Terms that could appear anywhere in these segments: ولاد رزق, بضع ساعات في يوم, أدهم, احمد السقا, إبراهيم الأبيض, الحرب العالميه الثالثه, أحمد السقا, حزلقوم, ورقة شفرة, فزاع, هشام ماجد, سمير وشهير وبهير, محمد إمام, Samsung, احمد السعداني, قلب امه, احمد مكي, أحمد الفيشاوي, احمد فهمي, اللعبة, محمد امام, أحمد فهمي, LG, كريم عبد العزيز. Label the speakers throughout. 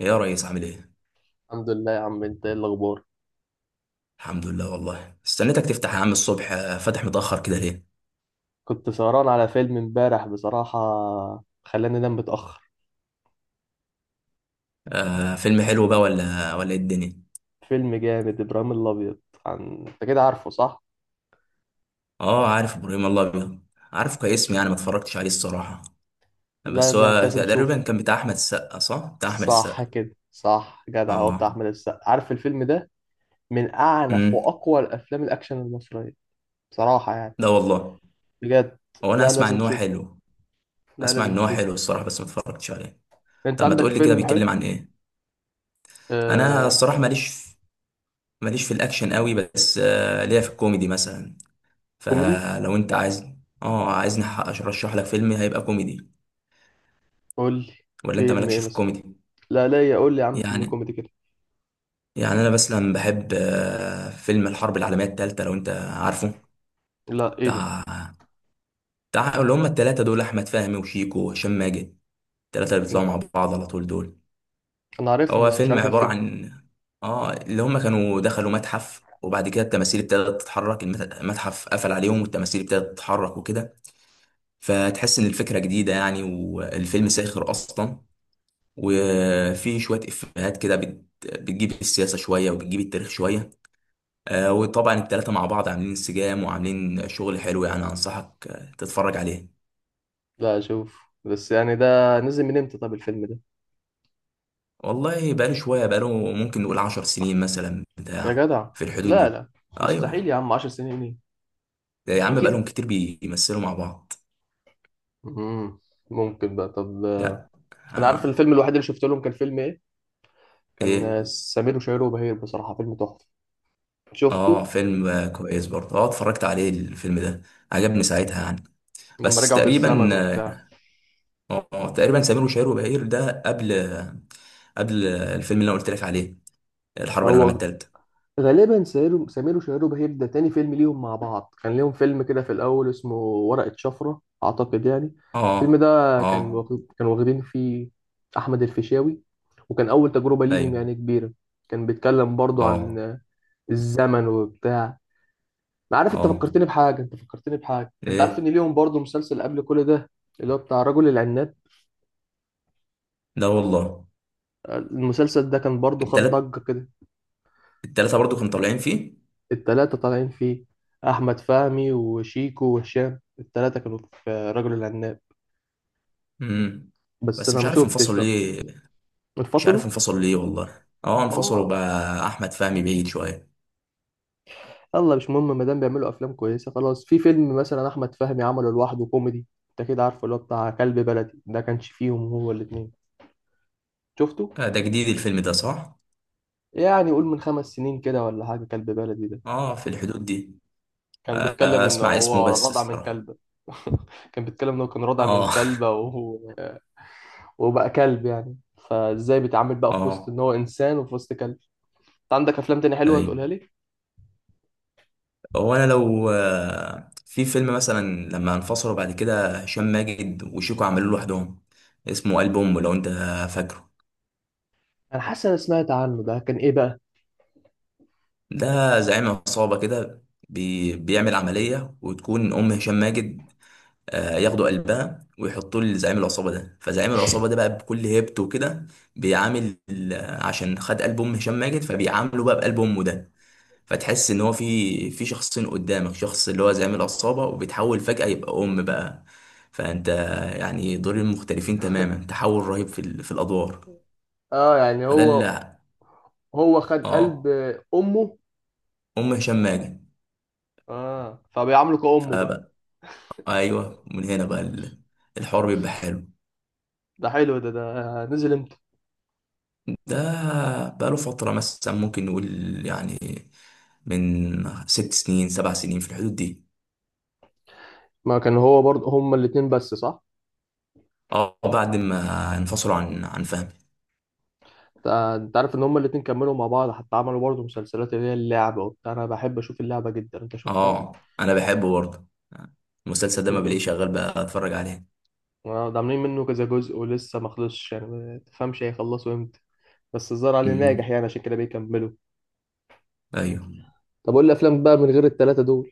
Speaker 1: إيه يا ريس عامل ايه؟
Speaker 2: الحمد لله يا عم، انت ايه الاخبار؟
Speaker 1: الحمد لله والله استنيتك تفتح يا عم الصبح، فاتح متأخر كده ليه؟
Speaker 2: كنت سهران على فيلم امبارح بصراحة، خلاني انام متأخر.
Speaker 1: فيلم حلو بقى ولا ايه الدنيا؟
Speaker 2: فيلم جامد، ابراهيم الابيض. انت كده عارفه صح؟
Speaker 1: اه، عارف ابراهيم الله ابيض. عارفه كاسم، يعني ما اتفرجتش عليه الصراحة.
Speaker 2: لا
Speaker 1: بس
Speaker 2: ده انت
Speaker 1: هو
Speaker 2: لازم
Speaker 1: تقريبا
Speaker 2: تشوفه.
Speaker 1: كان بتاع احمد السقا صح؟ بتاع احمد
Speaker 2: صح
Speaker 1: السقا.
Speaker 2: كده صح، جدع، هو
Speaker 1: اه.
Speaker 2: بتاع احمد السقا، عارف الفيلم ده؟ من اعنف
Speaker 1: امم.
Speaker 2: واقوى الافلام الاكشن المصرية بصراحة يعني،
Speaker 1: ده والله.
Speaker 2: بجد.
Speaker 1: هو انا
Speaker 2: لا
Speaker 1: اسمع
Speaker 2: لازم
Speaker 1: ان هو
Speaker 2: تشوفه،
Speaker 1: حلو.
Speaker 2: لا
Speaker 1: اسمع
Speaker 2: لازم
Speaker 1: ان هو حلو
Speaker 2: تشوفه،
Speaker 1: الصراحة، بس ما اتفرجتش عليه.
Speaker 2: انت
Speaker 1: طب ما
Speaker 2: عندك
Speaker 1: تقول لي كده
Speaker 2: فيلم
Speaker 1: بيتكلم
Speaker 2: حلو.
Speaker 1: عن ايه؟ انا
Speaker 2: آه...
Speaker 1: الصراحة ماليش، ماليش في الاكشن قوي، بس ليا في الكوميدي مثلا.
Speaker 2: كوميدي.
Speaker 1: فلو انت عايز، اه، عايزني ارشح لك فيلم هيبقى كوميدي،
Speaker 2: قول لي
Speaker 1: ولا انت
Speaker 2: فيلم ايه
Speaker 1: مالكش في
Speaker 2: مثلا.
Speaker 1: الكوميدي؟
Speaker 2: لا لا، يا قول لي يا عم فيلم
Speaker 1: يعني
Speaker 2: كوميدي كده.
Speaker 1: يعني انا مثلا بحب فيلم الحرب العالميه الثالثه لو انت عارفه.
Speaker 2: لا ايه ده؟
Speaker 1: بتاع بتاع اللي هم الثلاثه دول، احمد فهمي وشيكو وهشام ماجد، الثلاثه اللي بيطلعوا مع بعض على طول دول.
Speaker 2: انا عارفهم
Speaker 1: هو
Speaker 2: بس مش
Speaker 1: فيلم
Speaker 2: عارف
Speaker 1: عباره
Speaker 2: الفيلم.
Speaker 1: عن، اه اللي هم كانوا دخلوا متحف، وبعد كده التماثيل ابتدت تتحرك. المتحف قفل عليهم والتماثيل ابتدت تتحرك وكده. فتحس ان الفكره جديده يعني، والفيلم ساخر اصلا. وفي شويه افيهات كده، بتجيب السياسه شويه وبتجيب التاريخ شويه. وطبعا التلاته مع بعض عاملين انسجام وعاملين شغل حلو، يعني انصحك تتفرج عليه.
Speaker 2: لا اشوف، بس يعني ده نزل من امتى طب الفيلم ده؟
Speaker 1: والله بقاله شويه، بقاله ممكن نقول 10 سنين مثلا،
Speaker 2: يا
Speaker 1: بتاع
Speaker 2: جدع،
Speaker 1: في الحدود
Speaker 2: لا
Speaker 1: دي.
Speaker 2: لا، مستحيل
Speaker 1: ايوه.
Speaker 2: يا عم، 10 سنين ايه؟
Speaker 1: ده يا عم
Speaker 2: اكيد.
Speaker 1: بقالهم كتير بيمثلوا مع بعض.
Speaker 2: مم. ممكن بقى طب.
Speaker 1: لا.
Speaker 2: انا عارف
Speaker 1: آه.
Speaker 2: الفيلم الوحيد اللي شفت لهم كان فيلم ايه،
Speaker 1: ايه.
Speaker 2: كان سمير وشهير وبهير، بصراحة فيلم تحفة. شفته؟
Speaker 1: اه، فيلم كويس برضه، اتفرجت عليه الفيلم ده. عجبني ساعتها يعني.
Speaker 2: لما
Speaker 1: بس
Speaker 2: رجعوا
Speaker 1: تقريبا،
Speaker 2: بالزمن وبتاع.
Speaker 1: تقريبا سمير وشهير وبهير ده قبل، قبل الفيلم اللي انا قلت لك عليه، الحرب العالميه
Speaker 2: هو
Speaker 1: الثالثه.
Speaker 2: غالبا سمير وشهير وبهير ده تاني فيلم ليهم مع بعض، كان ليهم فيلم كده في الأول اسمه ورقة شفرة أعتقد يعني. الفيلم
Speaker 1: اه.
Speaker 2: ده
Speaker 1: اه.
Speaker 2: كان واخدين فيه أحمد الفيشاوي، وكان أول تجربة ليهم
Speaker 1: ايوه.
Speaker 2: يعني كبيرة. كان بيتكلم برضو
Speaker 1: اه.
Speaker 2: عن الزمن وبتاع. ما عارف،
Speaker 1: اه.
Speaker 2: أنت فكرتني بحاجة، أنت عارف إن
Speaker 1: ايه
Speaker 2: ليهم برضو مسلسل قبل كل ده، اللي هو بتاع رجل العناب.
Speaker 1: ده والله.
Speaker 2: المسلسل ده كان برضو خد
Speaker 1: التلات
Speaker 2: ضجة كده.
Speaker 1: التلاته برضو كانوا طالعين فيه.
Speaker 2: التلاتة طالعين فيه، أحمد فهمي وشيكو وهشام، التلاتة كانوا في رجل العناب،
Speaker 1: امم
Speaker 2: بس
Speaker 1: بس
Speaker 2: أنا
Speaker 1: مش
Speaker 2: ما
Speaker 1: عارف
Speaker 2: شفتش
Speaker 1: انفصل
Speaker 2: بقى.
Speaker 1: ليه. مش عارف
Speaker 2: انفصلوا.
Speaker 1: انفصل ليه والله،
Speaker 2: ماما.
Speaker 1: انفصلوا بقى، احمد فهمي بعيد شويه.
Speaker 2: يلا مش مهم، ما دام بيعملوا أفلام كويسة خلاص. في فيلم مثلا أحمد فهمي عمله لوحده كوميدي، أنت كده عارفه، اللي هو بتاع كلب بلدي، ده كانش فيهم هو الاتنين. شفته؟
Speaker 1: ده جديد الفيلم ده صح.
Speaker 2: يعني قول من 5 سنين كده ولا حاجة كلب بلدي ده.
Speaker 1: اه، في الحدود دي.
Speaker 2: كان بيتكلم إن
Speaker 1: اسمع اسمه
Speaker 2: هو
Speaker 1: بس
Speaker 2: رضع من
Speaker 1: الصراحه.
Speaker 2: كلبة. كان بيتكلم إنه كان رضع من
Speaker 1: اه.
Speaker 2: كلبة، وهو وبقى كلب يعني، فازاي بيتعامل بقى في وسط
Speaker 1: اه.
Speaker 2: ان هو انسان وفي وسط كلب. انت عندك افلام تاني حلوه
Speaker 1: ايوه.
Speaker 2: تقولها لي؟
Speaker 1: هو انا لو في فيلم مثلا لما انفصلوا بعد كده، هشام ماجد وشيكو عملوا لوحدهم، اسمه قلب امه لو انت فاكره.
Speaker 2: انا حاسس انا سمعت عنه، ده كان ايه بقى؟
Speaker 1: ده زعيم عصابه كده، بيعمل عمليه وتكون ام هشام ماجد. ياخدوا قلبها ويحطوه لزعيم العصابه ده، فزعيم العصابه ده بقى بكل هيبته كده بيعامل، عشان خد قلب ام هشام ماجد، فبيعامله بقى بقلب امه ده. فتحس ان هو في شخصين قدامك، شخص اللي هو زعيم العصابة وبيتحول فجأة يبقى ام بقى. فانت يعني دورين مختلفين تماما، تحول رهيب في الادوار.
Speaker 2: اه يعني
Speaker 1: فده
Speaker 2: هو،
Speaker 1: اللي،
Speaker 2: هو خد قلب
Speaker 1: اه،
Speaker 2: امه.
Speaker 1: ام هشام ماجد
Speaker 2: اه، فبيعامله كأمه بقى.
Speaker 1: فبقى. ايوه، من هنا بقى الحوار بيبقى حلو.
Speaker 2: ده حلو، ده نزل امتى؟
Speaker 1: ده بقى له فترة مثلا، ممكن نقول يعني من 6 سنين 7 سنين في الحدود دي.
Speaker 2: ما كان هو برضه هما الاتنين بس صح؟
Speaker 1: اه، بعد ما انفصلوا عن فهمي.
Speaker 2: أنت عارف ان هما الاتنين كملوا مع بعض، حتى عملوا برضه مسلسلات، اللي هي اللعبة وبتاع. انا بحب اشوف اللعبة جدا، انت شفتها؟
Speaker 1: اه، انا بحبه برضه المسلسل ده، ما بلاقيه شغال بقى اتفرج عليه.
Speaker 2: اه، ده عاملين منه كذا جزء ولسه ما خلصش، يعني ما تفهمش هيخلصوا امتى، بس الظاهر عليه
Speaker 1: امم.
Speaker 2: ناجح يعني، عشان كده بيكملوا.
Speaker 1: ايوه.
Speaker 2: طب قول لي افلام بقى من غير الثلاثه دول.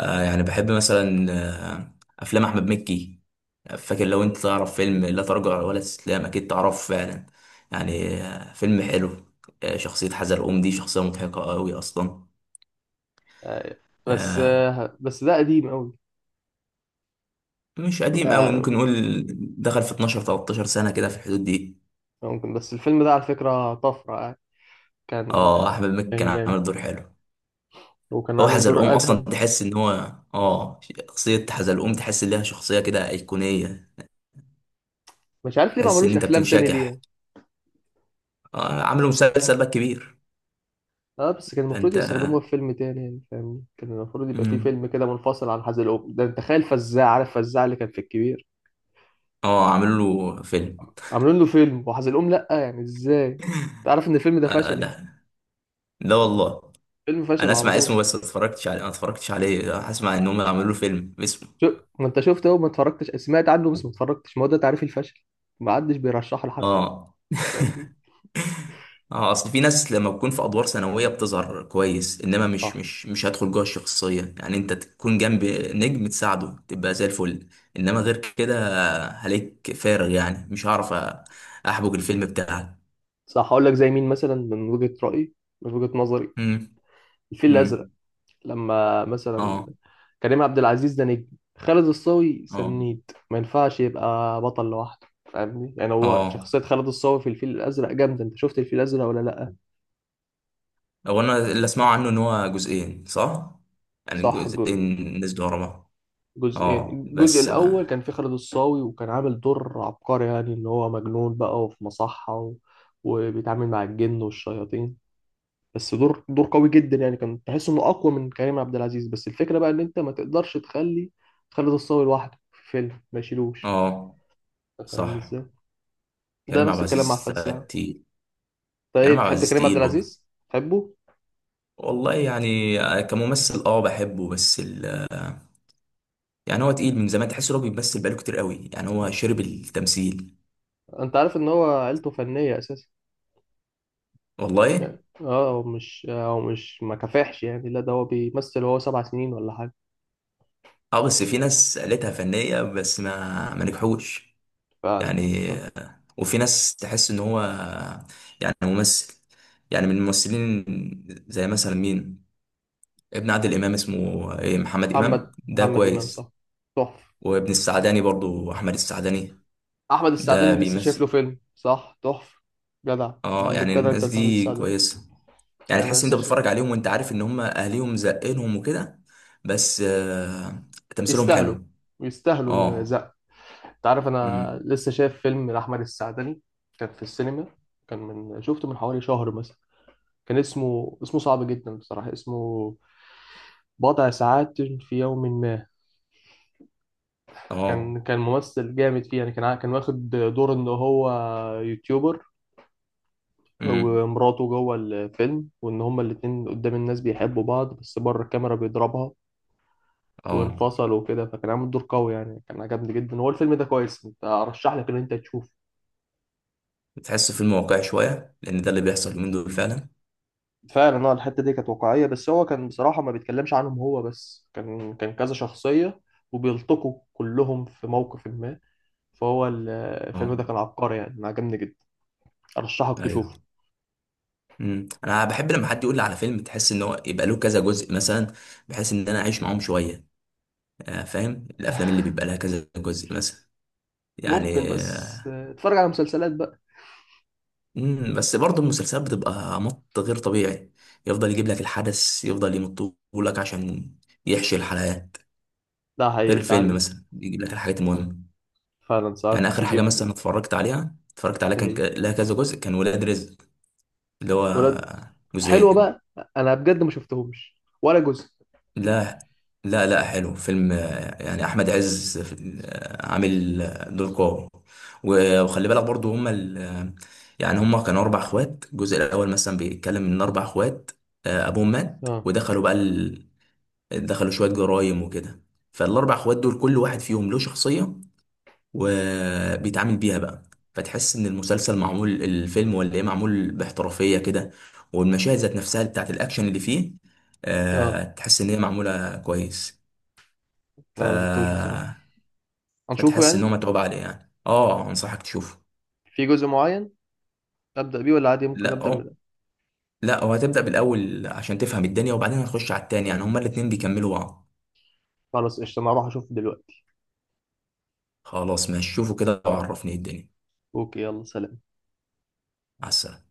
Speaker 1: يعني بحب مثلا آه افلام احمد مكي. فاكر لو انت تعرف فيلم لا تراجع ولا استسلام، اكيد تعرفه فعلا، يعني فيلم حلو. شخصية حزلقوم دي شخصية مضحكة قوي اصلا.
Speaker 2: آه،
Speaker 1: آه
Speaker 2: بس ده قديم قوي
Speaker 1: مش قديم قوي، ممكن
Speaker 2: يعني.
Speaker 1: نقول دخل في 12 13 سنة كده في الحدود دي.
Speaker 2: ممكن، بس الفيلم ده على فكرة طفرة يعني. كان
Speaker 1: اه، احمد مكي كان
Speaker 2: كان جامد،
Speaker 1: عامل دور حلو.
Speaker 2: وكان
Speaker 1: هو
Speaker 2: عامل دور
Speaker 1: حزلقوم اصلا،
Speaker 2: أدهم.
Speaker 1: تحس ان هو، اه، شخصيه حزلقوم تحس ان لها شخصيه كده ايقونيه.
Speaker 2: مش عارف ليه ما
Speaker 1: تحس ان
Speaker 2: عملوش
Speaker 1: انت
Speaker 2: أفلام تاني
Speaker 1: بتنشكح.
Speaker 2: ليه.
Speaker 1: عملوا مسلسل بقى كبير.
Speaker 2: اه، بس كان المفروض
Speaker 1: فانت.
Speaker 2: يستخدموه في فيلم تاني يعني، فاهم؟ كان المفروض يبقى فيه
Speaker 1: مم.
Speaker 2: فيلم كده منفصل عن حزلقوم ده. انت تخيل فزاع، عارف فزاع اللي كان في الكبير؟
Speaker 1: اه، عملوا له فيلم.
Speaker 2: عاملين له فيلم، وحزلقوم لأ، يعني ازاي؟ تعرف ان الفيلم ده
Speaker 1: آه.
Speaker 2: فشل يعني،
Speaker 1: لا. لا والله،
Speaker 2: فيلم
Speaker 1: انا
Speaker 2: فشل على
Speaker 1: اسمع
Speaker 2: طول.
Speaker 1: اسمه بس ما اتفرجتش عليه، ما اتفرجتش عليه، هسمع ان هم عملوا له فيلم باسمه.
Speaker 2: شو ما انت شفت اهو، ما اتفرجتش، سمعت عنه بس ما اتفرجتش. ما هو ده تعريف الفشل، ما حدش بيرشحه لحد.
Speaker 1: اه.
Speaker 2: فاهمني؟
Speaker 1: اه. اصل في ناس لما بتكون في ادوار ثانويه بتظهر كويس، انما مش
Speaker 2: صح،
Speaker 1: مش مش هدخل جوه الشخصيه، يعني انت تكون جنب نجم تساعده تبقى زي الفل، انما غير كده هليك فارغ، يعني مش هعرف احبك الفيلم بتاعك.
Speaker 2: صح، هقول لك زي مين مثلا، من وجهة رأيي، من وجهة نظري.
Speaker 1: امم.
Speaker 2: الفيل الأزرق،
Speaker 1: امم.
Speaker 2: لما مثلا
Speaker 1: اه.
Speaker 2: كريم عبد العزيز ده نجم، خالد الصاوي
Speaker 1: اه.
Speaker 2: سنيد ما ينفعش يبقى بطل لوحده. فاهمني؟ يعني هو
Speaker 1: اه.
Speaker 2: شخصية خالد الصاوي في الفيل الأزرق جامدة. انت شفت الفيل الأزرق ولا لأ؟
Speaker 1: هو انا اللي اسمعه عنه ان هو جزئين صح؟ يعني
Speaker 2: صح،
Speaker 1: جزئين نزلوا ورا بعض.
Speaker 2: جزئين،
Speaker 1: اه،
Speaker 2: الجزء
Speaker 1: بس
Speaker 2: الأول
Speaker 1: ما.
Speaker 2: كان في خالد الصاوي، وكان عامل دور عبقري يعني، إن هو مجنون بقى وفي مصحة وبيتعامل مع الجن والشياطين. بس دور قوي جدا يعني، كان تحس إنه أقوى من كريم عبد العزيز. بس الفكرة بقى إن أنت ما تقدرش تخلي خالد الصاوي لوحده في فيلم ما يشيلوش.
Speaker 1: اه،
Speaker 2: أنت فاهمني
Speaker 1: صح.
Speaker 2: إزاي؟ ده
Speaker 1: كريم عبد
Speaker 2: نفس الكلام مع
Speaker 1: العزيز
Speaker 2: فزاع.
Speaker 1: تقيل.
Speaker 2: أنت إيه
Speaker 1: كريم عبد
Speaker 2: بتحب
Speaker 1: العزيز
Speaker 2: كريم عبد
Speaker 1: تقيل برضه.
Speaker 2: العزيز؟ تحبه؟
Speaker 1: والله يعني كممثل بحبه، بس. يعني هو تقيل من زمان، تحس إن هو بيمثل بقاله كتير قوي، يعني هو شرب التمثيل.
Speaker 2: أنت عارف إن هو عيلته فنية أساسا،
Speaker 1: والله،
Speaker 2: يعني آه هو مش، هو مش ما كفاحش يعني، لا ده هو بيمثل وهو 7 سنين ولا حاجة.
Speaker 1: اه. بس في ناس قالتها فنية بس ما نجحوش
Speaker 2: فعلا.
Speaker 1: يعني.
Speaker 2: فعلا.
Speaker 1: وفي ناس تحس ان هو يعني ممثل، يعني من الممثلين. زي مثلا مين، ابن عادل امام اسمه ايه، محمد امام ده
Speaker 2: محمد إمام صح،
Speaker 1: كويس.
Speaker 2: تحفة.
Speaker 1: وابن السعداني برضو، احمد السعداني
Speaker 2: أحمد
Speaker 1: ده
Speaker 2: السعداني لسه شايف له
Speaker 1: بيمثل.
Speaker 2: فيلم صح، تحفة، جدع.
Speaker 1: اه، يعني
Speaker 2: جدع، أنت
Speaker 1: الناس
Speaker 2: قلت أحمد
Speaker 1: دي
Speaker 2: السعداني.
Speaker 1: كويسة، يعني
Speaker 2: أنا
Speaker 1: تحس انت
Speaker 2: لسه شايف.
Speaker 1: بتتفرج عليهم وانت عارف ان هم اهليهم زقينهم وكده، بس تمثيلهم
Speaker 2: يستاهلوا،
Speaker 1: حلو.
Speaker 2: يستاهلوا
Speaker 1: اه.
Speaker 2: الزق. أنت عارف، أنا
Speaker 1: امم.
Speaker 2: لسه شايف فيلم لأحمد السعداني، كان في السينما، كان من شفته من حوالي شهر مثلا. كان اسمه، اسمه صعب جدا بصراحة، اسمه بضع ساعات في يوم ما.
Speaker 1: اه.
Speaker 2: كان ممثل جامد فيه يعني. كان واخد دور إن هو يوتيوبر،
Speaker 1: امم.
Speaker 2: ومراته جوه الفيلم، وان هما الاتنين قدام الناس بيحبوا بعض، بس بره الكاميرا بيضربها
Speaker 1: اه،
Speaker 2: وانفصلوا وكده. فكان عامل دور قوي يعني، كان عجبني جدا، هو الفيلم ده كويس، انت ارشح لك ان انت تشوفه.
Speaker 1: بتحس فيلم واقعي شويه، لان ده اللي بيحصل اليومين دول فعلا.
Speaker 2: فعلا اه، الحته دي كانت واقعيه، بس هو كان بصراحه ما بيتكلمش عنهم هو بس، كان كذا شخصيه وبيلتقوا كلهم في موقف ما، فهو الفيلم
Speaker 1: اه.
Speaker 2: ده كان عبقري يعني، أنا عجبني جدا، ارشحك
Speaker 1: ايوه.
Speaker 2: تشوفه.
Speaker 1: انا بحب لما حد يقول لي على فيلم تحس ان هو يبقى له كذا جزء مثلا، بحيث ان انا اعيش معاهم شويه. فاهم الافلام اللي بيبقى لها كذا جزء مثلا،
Speaker 2: ممكن،
Speaker 1: يعني.
Speaker 2: بس آه اتفرج على مسلسلات بقى.
Speaker 1: بس برضه المسلسلات بتبقى مط غير طبيعي، يفضل يجيب لك الحدث، يفضل يمطه لك عشان يحشي الحلقات.
Speaker 2: ده
Speaker 1: غير
Speaker 2: حقيقي ساعات.
Speaker 1: الفيلم مثلا يجيب لك الحاجات المهمة،
Speaker 2: فعلا
Speaker 1: يعني
Speaker 2: ساعات
Speaker 1: آخر حاجة
Speaker 2: بيجيب.
Speaker 1: مثلا اتفرجت عليها كان
Speaker 2: ايه
Speaker 1: لها كذا جزء، كان ولاد رزق، اللي هو
Speaker 2: ولاد. حلوه
Speaker 1: جزئين.
Speaker 2: بقى، انا بجد ما شفتهمش ولا جزء.
Speaker 1: لا، لا، لا، حلو فيلم، يعني احمد عز عامل دور قوي، وخلي بالك برضو هما يعني هما كانوا اربع اخوات. الجزء الاول مثلا بيتكلم ان اربع اخوات ابوهم مات،
Speaker 2: اه.
Speaker 1: ودخلوا بقى. دخلوا شويه جرايم وكده. فالاربع اخوات دول كل واحد فيهم له شخصيه، وبيتعامل بيها بقى. فتحس ان المسلسل معمول، الفيلم ولا ايه، معمول باحترافيه كده. والمشاهد ذات نفسها بتاعت الاكشن اللي فيه
Speaker 2: اه
Speaker 1: تحس ان هي معموله كويس. ف
Speaker 2: انا ما شفتهوش بصراحه، هنشوفه
Speaker 1: فتحس ان هو
Speaker 2: يعني،
Speaker 1: متعوب عليه يعني، انصحك تشوفه.
Speaker 2: في جزء معين ابدا بيه ولا عادي ممكن
Speaker 1: لا
Speaker 2: ابدا
Speaker 1: هو،
Speaker 2: من.
Speaker 1: لا هو هتبدا بالاول عشان تفهم الدنيا، وبعدين هتخش على التاني، يعني هما الاتنين بيكملوا بعض.
Speaker 2: خلاص قشطه، انا هروح اشوفه دلوقتي.
Speaker 1: خلاص ماشي، شوفوا كده وعرفني إيه الدنيا.
Speaker 2: اوكي، يلا سلام.
Speaker 1: مع السلامه.